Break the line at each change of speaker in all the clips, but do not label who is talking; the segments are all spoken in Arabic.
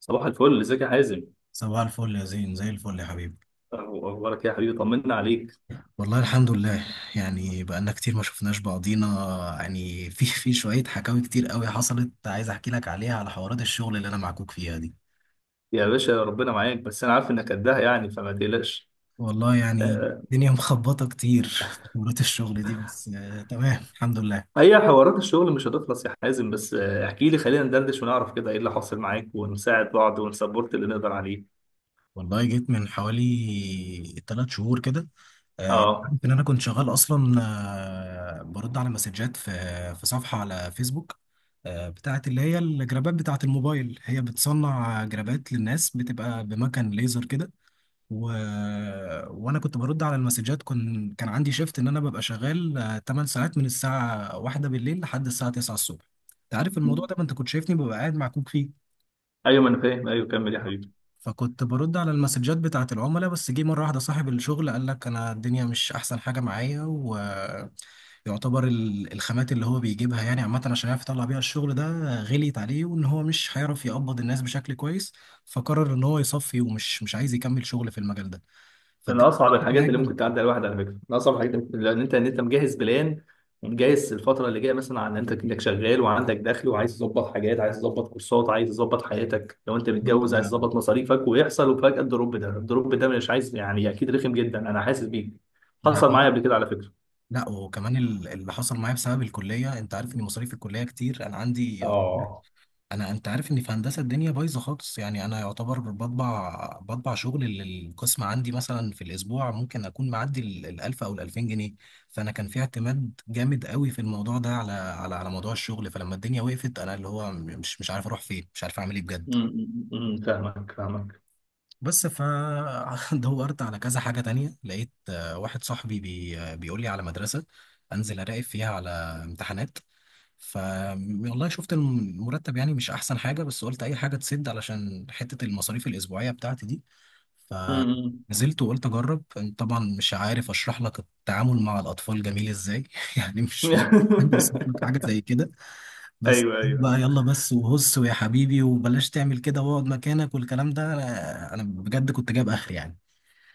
صباح الفل، ازيك يا حازم؟
صباح الفل يا زين، زي الفل يا حبيبي.
أهو- اخبارك إيه يا حبيبي؟ طمنا عليك.
والله الحمد لله. يعني بقالنا كتير ما شفناش بعضينا. يعني في شوية حكاوي كتير قوي حصلت، عايز احكي لك عليها، على حوارات الشغل اللي انا معكوك فيها دي.
يا باشا ربنا معاك، بس انا عارف انك قدها، يعني فما تقلقش.
والله يعني
آه،
الدنيا مخبطة كتير في حوارات الشغل دي، بس تمام الحمد لله.
هي حوارات الشغل مش هتخلص يا حازم، بس احكي لي، خلينا ندردش ونعرف كده ايه اللي حاصل معاك ونساعد بعض ونسبورت اللي نقدر عليه.
والله جيت من حوالي تلات شهور كده.
اه.
عارف ان انا كنت شغال اصلا. برد على مسجات في صفحه على فيسبوك، بتاعت اللي هي الجرابات بتاعت الموبايل، هي بتصنع جرابات للناس، بتبقى بمكان ليزر كده. و... وانا كنت برد على المسجات. كان عندي شيفت ان انا ببقى شغال 8 ساعات، من الساعه 1 بالليل لحد الساعه 9 الصبح. انت عارف الموضوع ده، ما انت كنت شايفني ببقى قاعد مع كوك فيه.
ايوه ما انا فاهم، ايوه كمل يا حبيبي.
فكنت برد على المسجات بتاعة العملاء، بس جه مرة واحدة صاحب الشغل قال لك أنا الدنيا مش أحسن حاجة معايا، ويعتبر الخامات اللي هو بيجيبها، يعني عامة، عشان يعرف يطلع بيها الشغل ده، غليت عليه، وإن هو مش هيعرف يقبض الناس بشكل كويس. فقرر إن هو يصفي ومش مش عايز يكمل شغل في المجال ده.
من
فالدنيا
اصعب
اتفرقت
الحاجات
معايا
اللي
جامد،
ممكن تعدي على الواحد، على فكره، من اصعب الحاجات اللي ممكن، لان انت مجهز بلان ومجهز الفتره اللي جايه، مثلا عن انت انك شغال وعندك دخل، وعايز تظبط حاجات، عايز تظبط كورسات، عايز تظبط حياتك، لو انت متجوز عايز تظبط مصاريفك، ويحصل وفجاه الدروب ده مش عايز، يعني اكيد رخم جدا، انا حاسس بيك.
ده
حصل
حقيقي.
معايا قبل كده على فكره.
لا وكمان اللي حصل معايا بسبب الكلية، أنت عارف إن مصاريف الكلية كتير أنا عندي.
اه.
انت عارف ان في هندسه الدنيا بايظه خالص، يعني انا يعتبر بطبع شغل للقسم، عندي مثلا في الاسبوع ممكن اكون معدي الالف او الالفين جنيه. فانا كان في اعتماد جامد قوي في الموضوع ده على موضوع الشغل. فلما الدنيا وقفت انا اللي هو مش عارف اروح فين، مش عارف اعمل ايه بجد.
أمم، أمم، فاهمك فاهمك.
بس فدورت على كذا حاجة تانية، لقيت واحد صاحبي بي آه، بيقول لي على مدرسة، أنزل أراقب فيها على امتحانات. ف والله شفت المرتب يعني مش أحسن حاجة، بس قلت أي حاجة تسد علشان حتة المصاريف الأسبوعية بتاعتي دي.
أمم،
فنزلت وقلت أجرب. طبعا مش عارف أشرح لك التعامل مع الأطفال جميل إزاي يعني
أمم.
أنا وصفت لك حاجة زي كده. بس
ايوه ايوه.
بقى يلا بس وهص ويا حبيبي وبلاش تعمل كده واقعد مكانك والكلام ده، أنا بجد كنت جايب اخر يعني.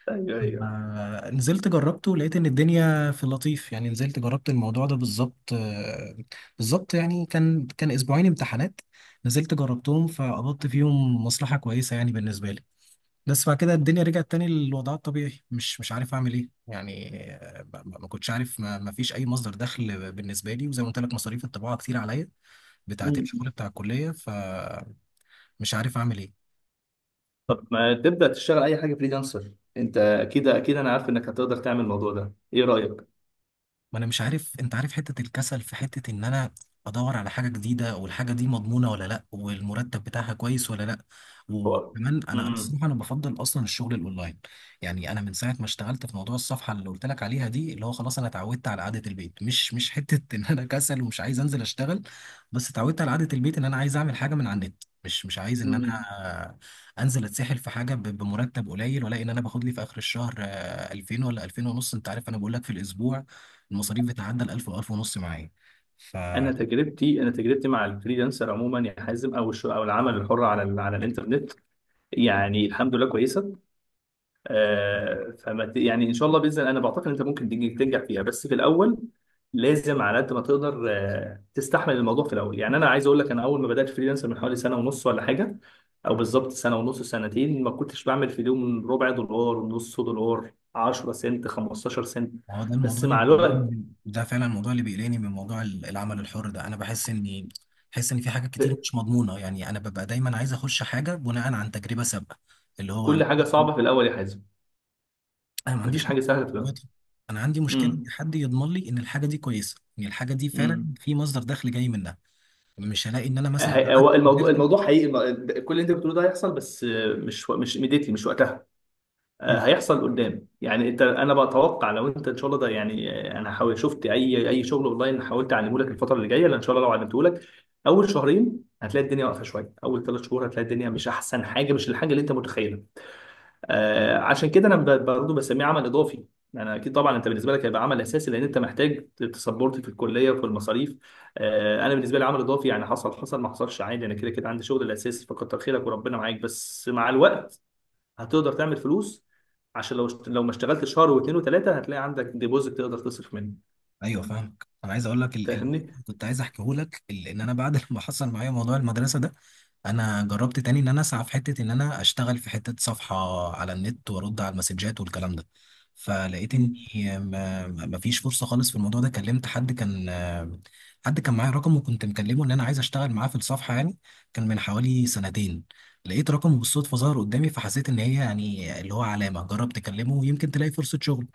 ايوه ايوه.
نزلت جربته، لقيت ان الدنيا في اللطيف، يعني نزلت جربت الموضوع ده بالظبط، بالظبط. يعني كان اسبوعين امتحانات، نزلت جربتهم، فقبضت فيهم مصلحة كويسة يعني بالنسبة لي. بس بعد كده الدنيا رجعت تاني للوضع الطبيعي، مش عارف اعمل ايه يعني. ما كنتش عارف، ما فيش اي مصدر دخل بالنسبة لي. وزي ما قلت لك، مصاريف الطباعة كتير عليا، بتاعة الشغل بتاع الكلية، فمش عارف أعمل إيه.
طب ما تبدأ تشتغل أي حاجة فريلانسر؟ أنت أكيد، أكيد أنا عارف إنك هتقدر تعمل الموضوع ده، إيه رأيك؟
ما انا مش عارف، انت عارف حتة الكسل، في حتة ان انا ادور على حاجة جديدة، والحاجة دي مضمونة ولا لا، والمرتب بتاعها كويس ولا لا.
هو
وكمان انا
مم.
الصراحة انا بفضل اصلا الشغل الاونلاين. يعني انا من ساعة ما اشتغلت في موضوع الصفحة اللي قلت لك عليها دي، اللي هو خلاص انا اتعودت على قعدة البيت، مش حتة ان انا كسل ومش عايز انزل اشتغل، بس اتعودت على قعدة البيت، ان انا عايز اعمل حاجة من على النت، مش عايز ان انا
مم.
انزل اتسحل في حاجه بمرتب قليل، ولا ان انا باخد لي في اخر الشهر 2000 ولا 2000 ونص. انت عارف انا بقول لك في الاسبوع المصاريف بتعدى ال 1000 و1000 ونص معايا. ف
أنا تجربتي مع الفريلانسر عموما يا حازم، أو العمل الحر على على الإنترنت، يعني الحمد لله كويسة. يعني ان شاء الله باذن الله انا بعتقد انت ممكن تنجح فيها، بس في الاول لازم على قد ما تقدر تستحمل الموضوع في الاول. يعني انا عايز اقول لك، انا اول ما بدات فريلانسر من حوالي سنه ونص ولا حاجه، او بالظبط سنه ونص سنتين، ما كنتش بعمل في اليوم ربع دولار، نص دولار، 10 سنت، 15 سنت،
هو ده الموضوع
بس
اللي
مع
بيقلقني
الوقت.
ده فعلا الموضوع اللي بيقلقني من موضوع العمل الحر ده. انا بحس ان في حاجات كتير مش مضمونه، يعني انا ببقى دايما عايز اخش حاجه بناء عن تجربه سابقه. اللي هو انا
كل حاجه صعبه في الاول يا حازم،
انا ما عنديش
مفيش
مشكله
حاجه سهله في الاول.
دلوقتي. انا عندي مشكله ان
امم،
حد يضمن لي ان الحاجه دي كويسه، ان الحاجه دي فعلا
امم.
في مصدر دخل جاي منها. مش هلاقي ان انا مثلا قعدت
هو الموضوع الموضوع حقيقي، كل اللي انت بتقوله ده هيحصل، بس مش ميديتلي، مش وقتها. هيحصل قدام، يعني انت، انا بتوقع لو انت ان شاء الله ده يعني. انا حاول شفت اي شغل اونلاين حاولت اعلمه لك الفتره اللي جايه، لان ان شاء الله لو علمته لك اول شهرين هتلاقي الدنيا واقفه شويه، اول 3 شهور هتلاقي الدنيا مش احسن حاجه، مش الحاجه اللي انت متخيلها. آه، عشان كده انا برضه بسميه عمل اضافي. انا اكيد طبعا انت بالنسبه لك هيبقى عمل اساسي، لان انت محتاج تسبورت في الكليه وفي المصاريف. آه، انا بالنسبه لي عمل اضافي، يعني حصل حصل، ما حصلش عادي، انا كده كده عندي شغل الاساسي، فكتر خيرك وربنا معاك، بس مع الوقت هتقدر تعمل فلوس. عشان لو لو ما اشتغلت شهر واثنين وثلاثه هتلاقي عندك ديبوزيت تقدر تصرف منه.
ايوه فاهمك. انا عايز اقول لك
فاهمني؟
كنت عايز احكيه لك ان انا بعد ما حصل معايا موضوع المدرسه ده، انا جربت تاني ان انا اسعى في حته، ان انا اشتغل في حته صفحه على النت وارد على المسجات والكلام ده. فلقيت ان
مم.
ما فيش فرصه خالص في الموضوع ده. كلمت حد كان معايا رقمه، وكنت مكلمه ان انا عايز اشتغل معاه في الصفحه يعني، كان من حوالي سنتين. لقيت رقمه بالصدفه، ظهر قدامي، فحسيت ان هي يعني اللي هو علامه، جربت اكلمه يمكن تلاقي فرصه شغل.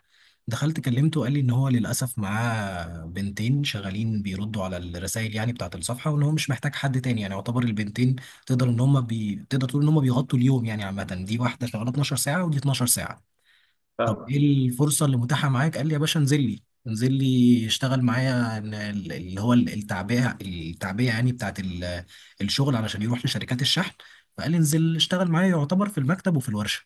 دخلت كلمته وقال لي ان هو للاسف معاه بنتين شغالين بيردوا على الرسائل يعني بتاعه الصفحه، وان هو مش محتاج حد تاني. يعني يعتبر البنتين تقدر تقول ان هم بيغطوا اليوم، يعني عامه، دي واحده شغاله 12 ساعه ودي 12 ساعه. طب
فاهمك.
ايه الفرصه اللي متاحه معاك؟ قال لي يا باشا انزل لي، انزل لي اشتغل معايا، التعبئه، التعبئه يعني بتاعت الشغل علشان يروح لشركات الشحن. فقال لي انزل اشتغل معايا، يعتبر في المكتب وفي الورشه.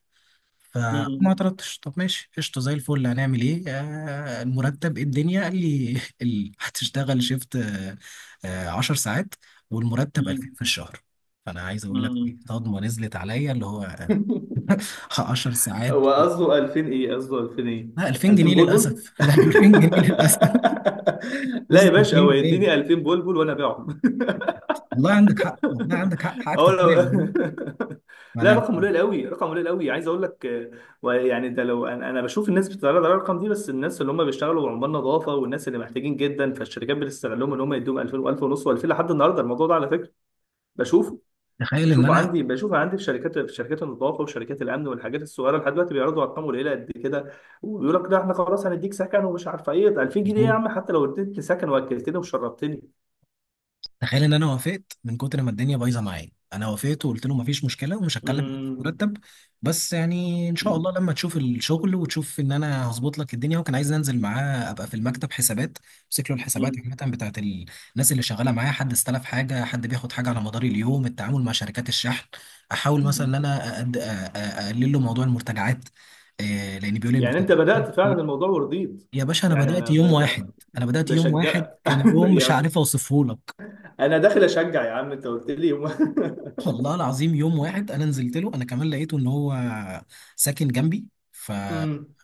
فما
مم.
اعترضتش، طب ماشي قشطه زي الفل، هنعمل ايه؟ المرتب إيه الدنيا؟ قال لي هتشتغل شيفت 10 ساعات والمرتب 2000
مم.
في الشهر. فانا عايز اقول لك إيه،
مم.
صدمه نزلت عليا، اللي هو 10 ساعات،
هو قصده 2000 ايه؟ قصده 2000 ايه؟
لا 2000 جنيه
2000 بلبل؟
للاسف لا 2000 جنيه للاسف
لا يا
بص
باشا،
2000
هو
جنيه
يديني 2000 بلبل وانا ابيعهم.
والله عندك حق، والله عندك حق، حقك
اه، لو
تتكلم والله.
لا،
انا
رقم قليل قوي، رقم قليل قوي، عايز اقول لك. ويعني ده، لو انا، أنا بشوف الناس بتتعرض على الارقام دي، بس الناس اللي هم بيشتغلوا عمال نظافه والناس اللي محتاجين جدا، فالشركات بتستغلهم ان هم يدوهم 2000 و1000 ونص و2000، لحد النهارده الموضوع ده على فكره بشوفه.
تخيل ان
بشوفه عندي في شركات، في شركات النظافه وشركات الامن والحاجات الصغيره، لحد دلوقتي بيعرضوا ارقام قليله قد كده، وبيقول لك لا، احنا خلاص هنديك سكن ومش عارف ايه، ده 2000 جنيه يا
انا
عم، حتى لو اديتني سكن واكلتني وشربتني.
انا وافقت، من كتر ما الدنيا بايظه معايا انا وافقت وقلت له مفيش مشكله، ومش هتكلم معاك في مرتب، بس يعني ان شاء
امم.
الله لما تشوف الشغل وتشوف ان انا هظبط لك الدنيا. وكان عايز انزل معاه، ابقى في المكتب حسابات، امسك له الحسابات، عامه بتاعت الناس اللي شغاله معايا، حد استلف حاجه، حد بياخد حاجه، على مدار اليوم التعامل مع شركات الشحن. احاول مثلا ان انا اقلل له موضوع المرتجعات، لان بيقول لي
يعني انت
المرتجعات
بدأت فعلا
كتير.
الموضوع ورضيت،
يا باشا انا
يعني
بدات
انا
يوم واحد،
بشجعك
كان يوم
يا
مش
اخي،
عارف اوصفه لك.
انا داخل اشجع يا عم، انت قلت لي يوم.
والله العظيم يوم واحد انا نزلت له، انا كمان لقيته ان هو ساكن جنبي. ف
امم.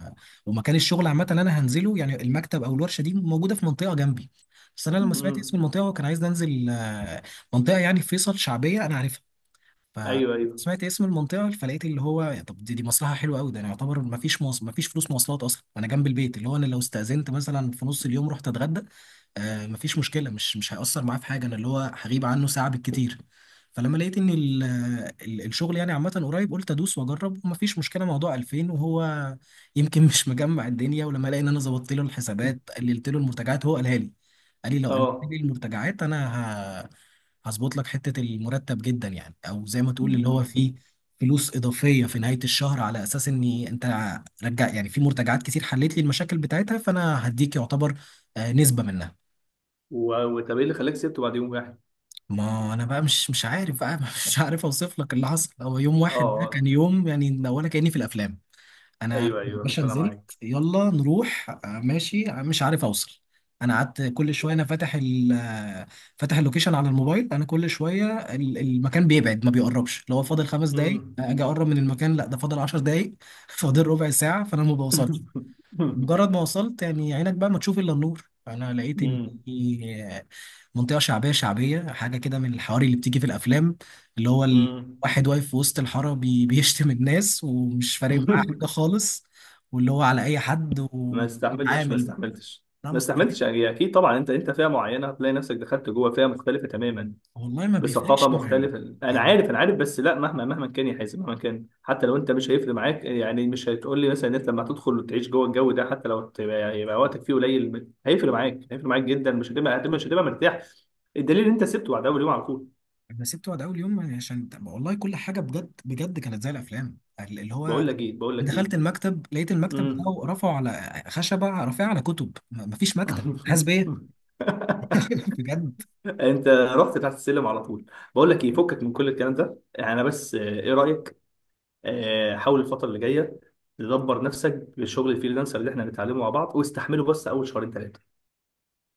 ومكان الشغل عامه اللي انا هنزله، يعني المكتب او الورشه دي، موجوده في منطقه جنبي. بس انا لما سمعت اسم
امم.
المنطقه وكان عايز انزل منطقه يعني في فيصل شعبيه انا عارفها.
ايوه ايوه.
فسمعت اسم المنطقة، فلقيت اللي هو يا طب دي مصلحة حلوة قوي، ده انا يعتبر ما فيش ما فيش فلوس مواصلات اصلا، انا جنب البيت، اللي هو انا لو استأذنت مثلا في نص اليوم رحت اتغدى ما فيش مشكلة، مش هيأثر معاه في حاجة، انا اللي هو هغيب عنه ساعة بالكتير. فلما لقيت ان الشغل يعني عامة قريب، قلت ادوس واجرب، وما فيش مشكلة موضوع 2000، وهو يمكن مش مجمع الدنيا. ولما لقى ان انا ظبطت له الحسابات، قللت له المرتجعات، هو قالها لي قال لي لو قللت لي
اه.
المرتجعات انا هظبط لك حتة المرتب جدا، يعني او زي ما تقول اللي هو
امم.
فيه فلوس اضافية في نهاية الشهر، على اساس اني انت رجع يعني في مرتجعات كتير حليت لي المشاكل بتاعتها، فانا هديك يعتبر نسبة منها.
وطب ايه اللي خلاك سبته بعد يوم واحد؟
ما انا بقى مش عارف بقى مش عارف اوصف لك اللي حصل، هو يوم
اه.
واحد ده كان
آه.
يوم يعني ولا كأني في الافلام. انا يا
ايوه ايوه،
باشا
ربنا
نزلت،
معاك.
يلا نروح ماشي، مش عارف اوصل. انا قعدت كل شويه انا فاتح ال آه، فاتح اللوكيشن على الموبايل. انا كل شويه المكان بيبعد، ما بيقربش، لو هو فاضل خمس دقايق
امم.
اجي اقرب من المكان لا ده فاضل عشر دقايق فاضل ربع ساعه، فانا ما بوصلش. مجرد ما وصلت يعني عينك بقى ما تشوف الا النور، فانا لقيت ان
امم.
في منطقه شعبيه شعبيه حاجه كده، من الحواري اللي بتيجي في الافلام، اللي هو
امم.
الواحد واقف في وسط الحاره بيشتم الناس ومش فارق معاه حاجه خالص، واللي هو على اي حد
ما استحملتش، ما
وبيتعامل بقى.
استحملتش.
لا
ما
مستحيل،
استحملتش، يعني اكيد طبعا انت، انت فئه معينه، هتلاقي نفسك دخلت جوه فئه مختلفه تماما
والله ما بيفرقش
بثقافه
معايا،
مختلفه، انا
يعني
عارف انا عارف، بس لا مهما، مهما كان يا حازم، مهما كان، حتى لو انت مش هيفرق معاك، يعني مش هتقول لي مثلا ان انت لما هتدخل وتعيش جوه الجو ده، حتى لو يبقى وقتك فيه قليل هيفرق معاك، هيفرق معاك جدا، مش هتبقى، مش هتبقى مرتاح. الدليل ان انت سبته بعد اول يوم على طول.
انا سبت وقت اول يوم عشان والله كل حاجه بجد بجد كانت زي الافلام، اللي
بقول
هو
لك ايه، بقول لك ايه،
دخلت المكتب، لقيت المكتب
امم.
بتاعه رفعوا على خشبة، رافعة على كتب، مفيش مكتب حاسس بيا بجد.
انت رحت تحت السلم على طول. بقول لك ايه، فكك من كل الكلام ده، يعني انا بس، ايه رايك؟ حاول الفترة اللي جاية تدبر نفسك لشغل الفريلانسر اللي احنا هنتعلمه مع بعض، واستحمله بس اول شهرين ثلاثة.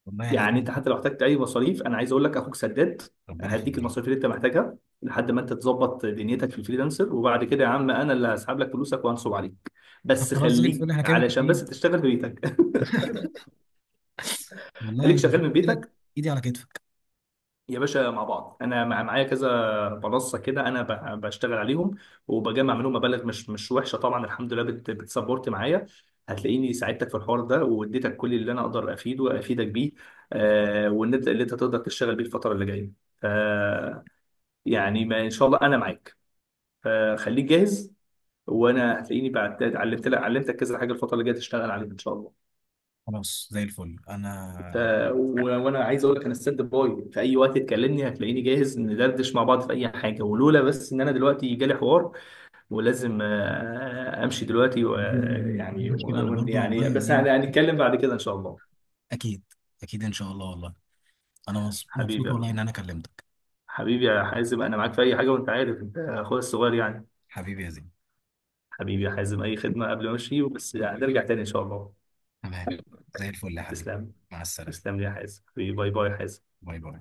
والله يعني
يعني انت
دي.
حتى لو احتجت اي مصاريف، انا عايز اقول لك اخوك سداد،
ربنا
هديك
يخليك.
المصاريف اللي انت محتاجها لحد ما انت تظبط دنيتك في الفريلانسر، وبعد كده يا عم انا اللي هسحب لك فلوسك وهنصب عليك،
طب
بس
خلاص زي
خليك
الفل، احنا كده
علشان
متفقين.
بس تشتغل في بيتك.
والله
خليك
يعني زي
شغال
ما
من
قلت لك،
بيتك
ايدي على كتفك.
يا باشا، مع بعض. انا معايا كذا منصه كده، انا بشتغل عليهم وبجمع منهم مبالغ مش وحشه طبعا الحمد لله، بتسبورت معايا، هتلاقيني ساعدتك في الحوار ده واديتك كل اللي انا اقدر افيده وافيدك بيه. آه، والنبدا اللي انت تقدر تشتغل بيه الفتره اللي جايه. آه، يعني ما ان شاء الله انا معاك. آه، خليك جاهز، وانا هتلاقيني بعد علمت لك علمتك كذا حاجه الفتره اللي جايه تشتغل عليها ان شاء الله.
خلاص زي الفل
ف...
انا.
وانا عايز اقول لك انا ستاند باي في اي وقت تكلمني، هتلاقيني جاهز ندردش مع بعض في اي حاجه، ولولا بس ان انا دلوقتي جالي حوار ولازم امشي دلوقتي و...
حبيبي والله
آه،
يعني
يعني
مفيش مشكلة، انا
و...
برضو والله
يعني بس
يعني،
هنتكلم بعد كده ان شاء الله.
اكيد اكيد ان شاء الله والله. انا
حبيبي
مبسوط والله
يا-
ان انا كلمتك.
حبيبي يا حازم، انا معاك في اي حاجه، وانت عارف انت اخويا الصغير يعني.
حبيبي يا زين.
حبيبي يا حازم، اي خدمه، قبل ما امشي بس هنرجع تاني ان شاء الله.
تمام. زي الفل يا حبيبي.
تسلم.
مع السلامة.
تسلم لي يا حازم حبيبي، باي باي يا حازم.
باي باي.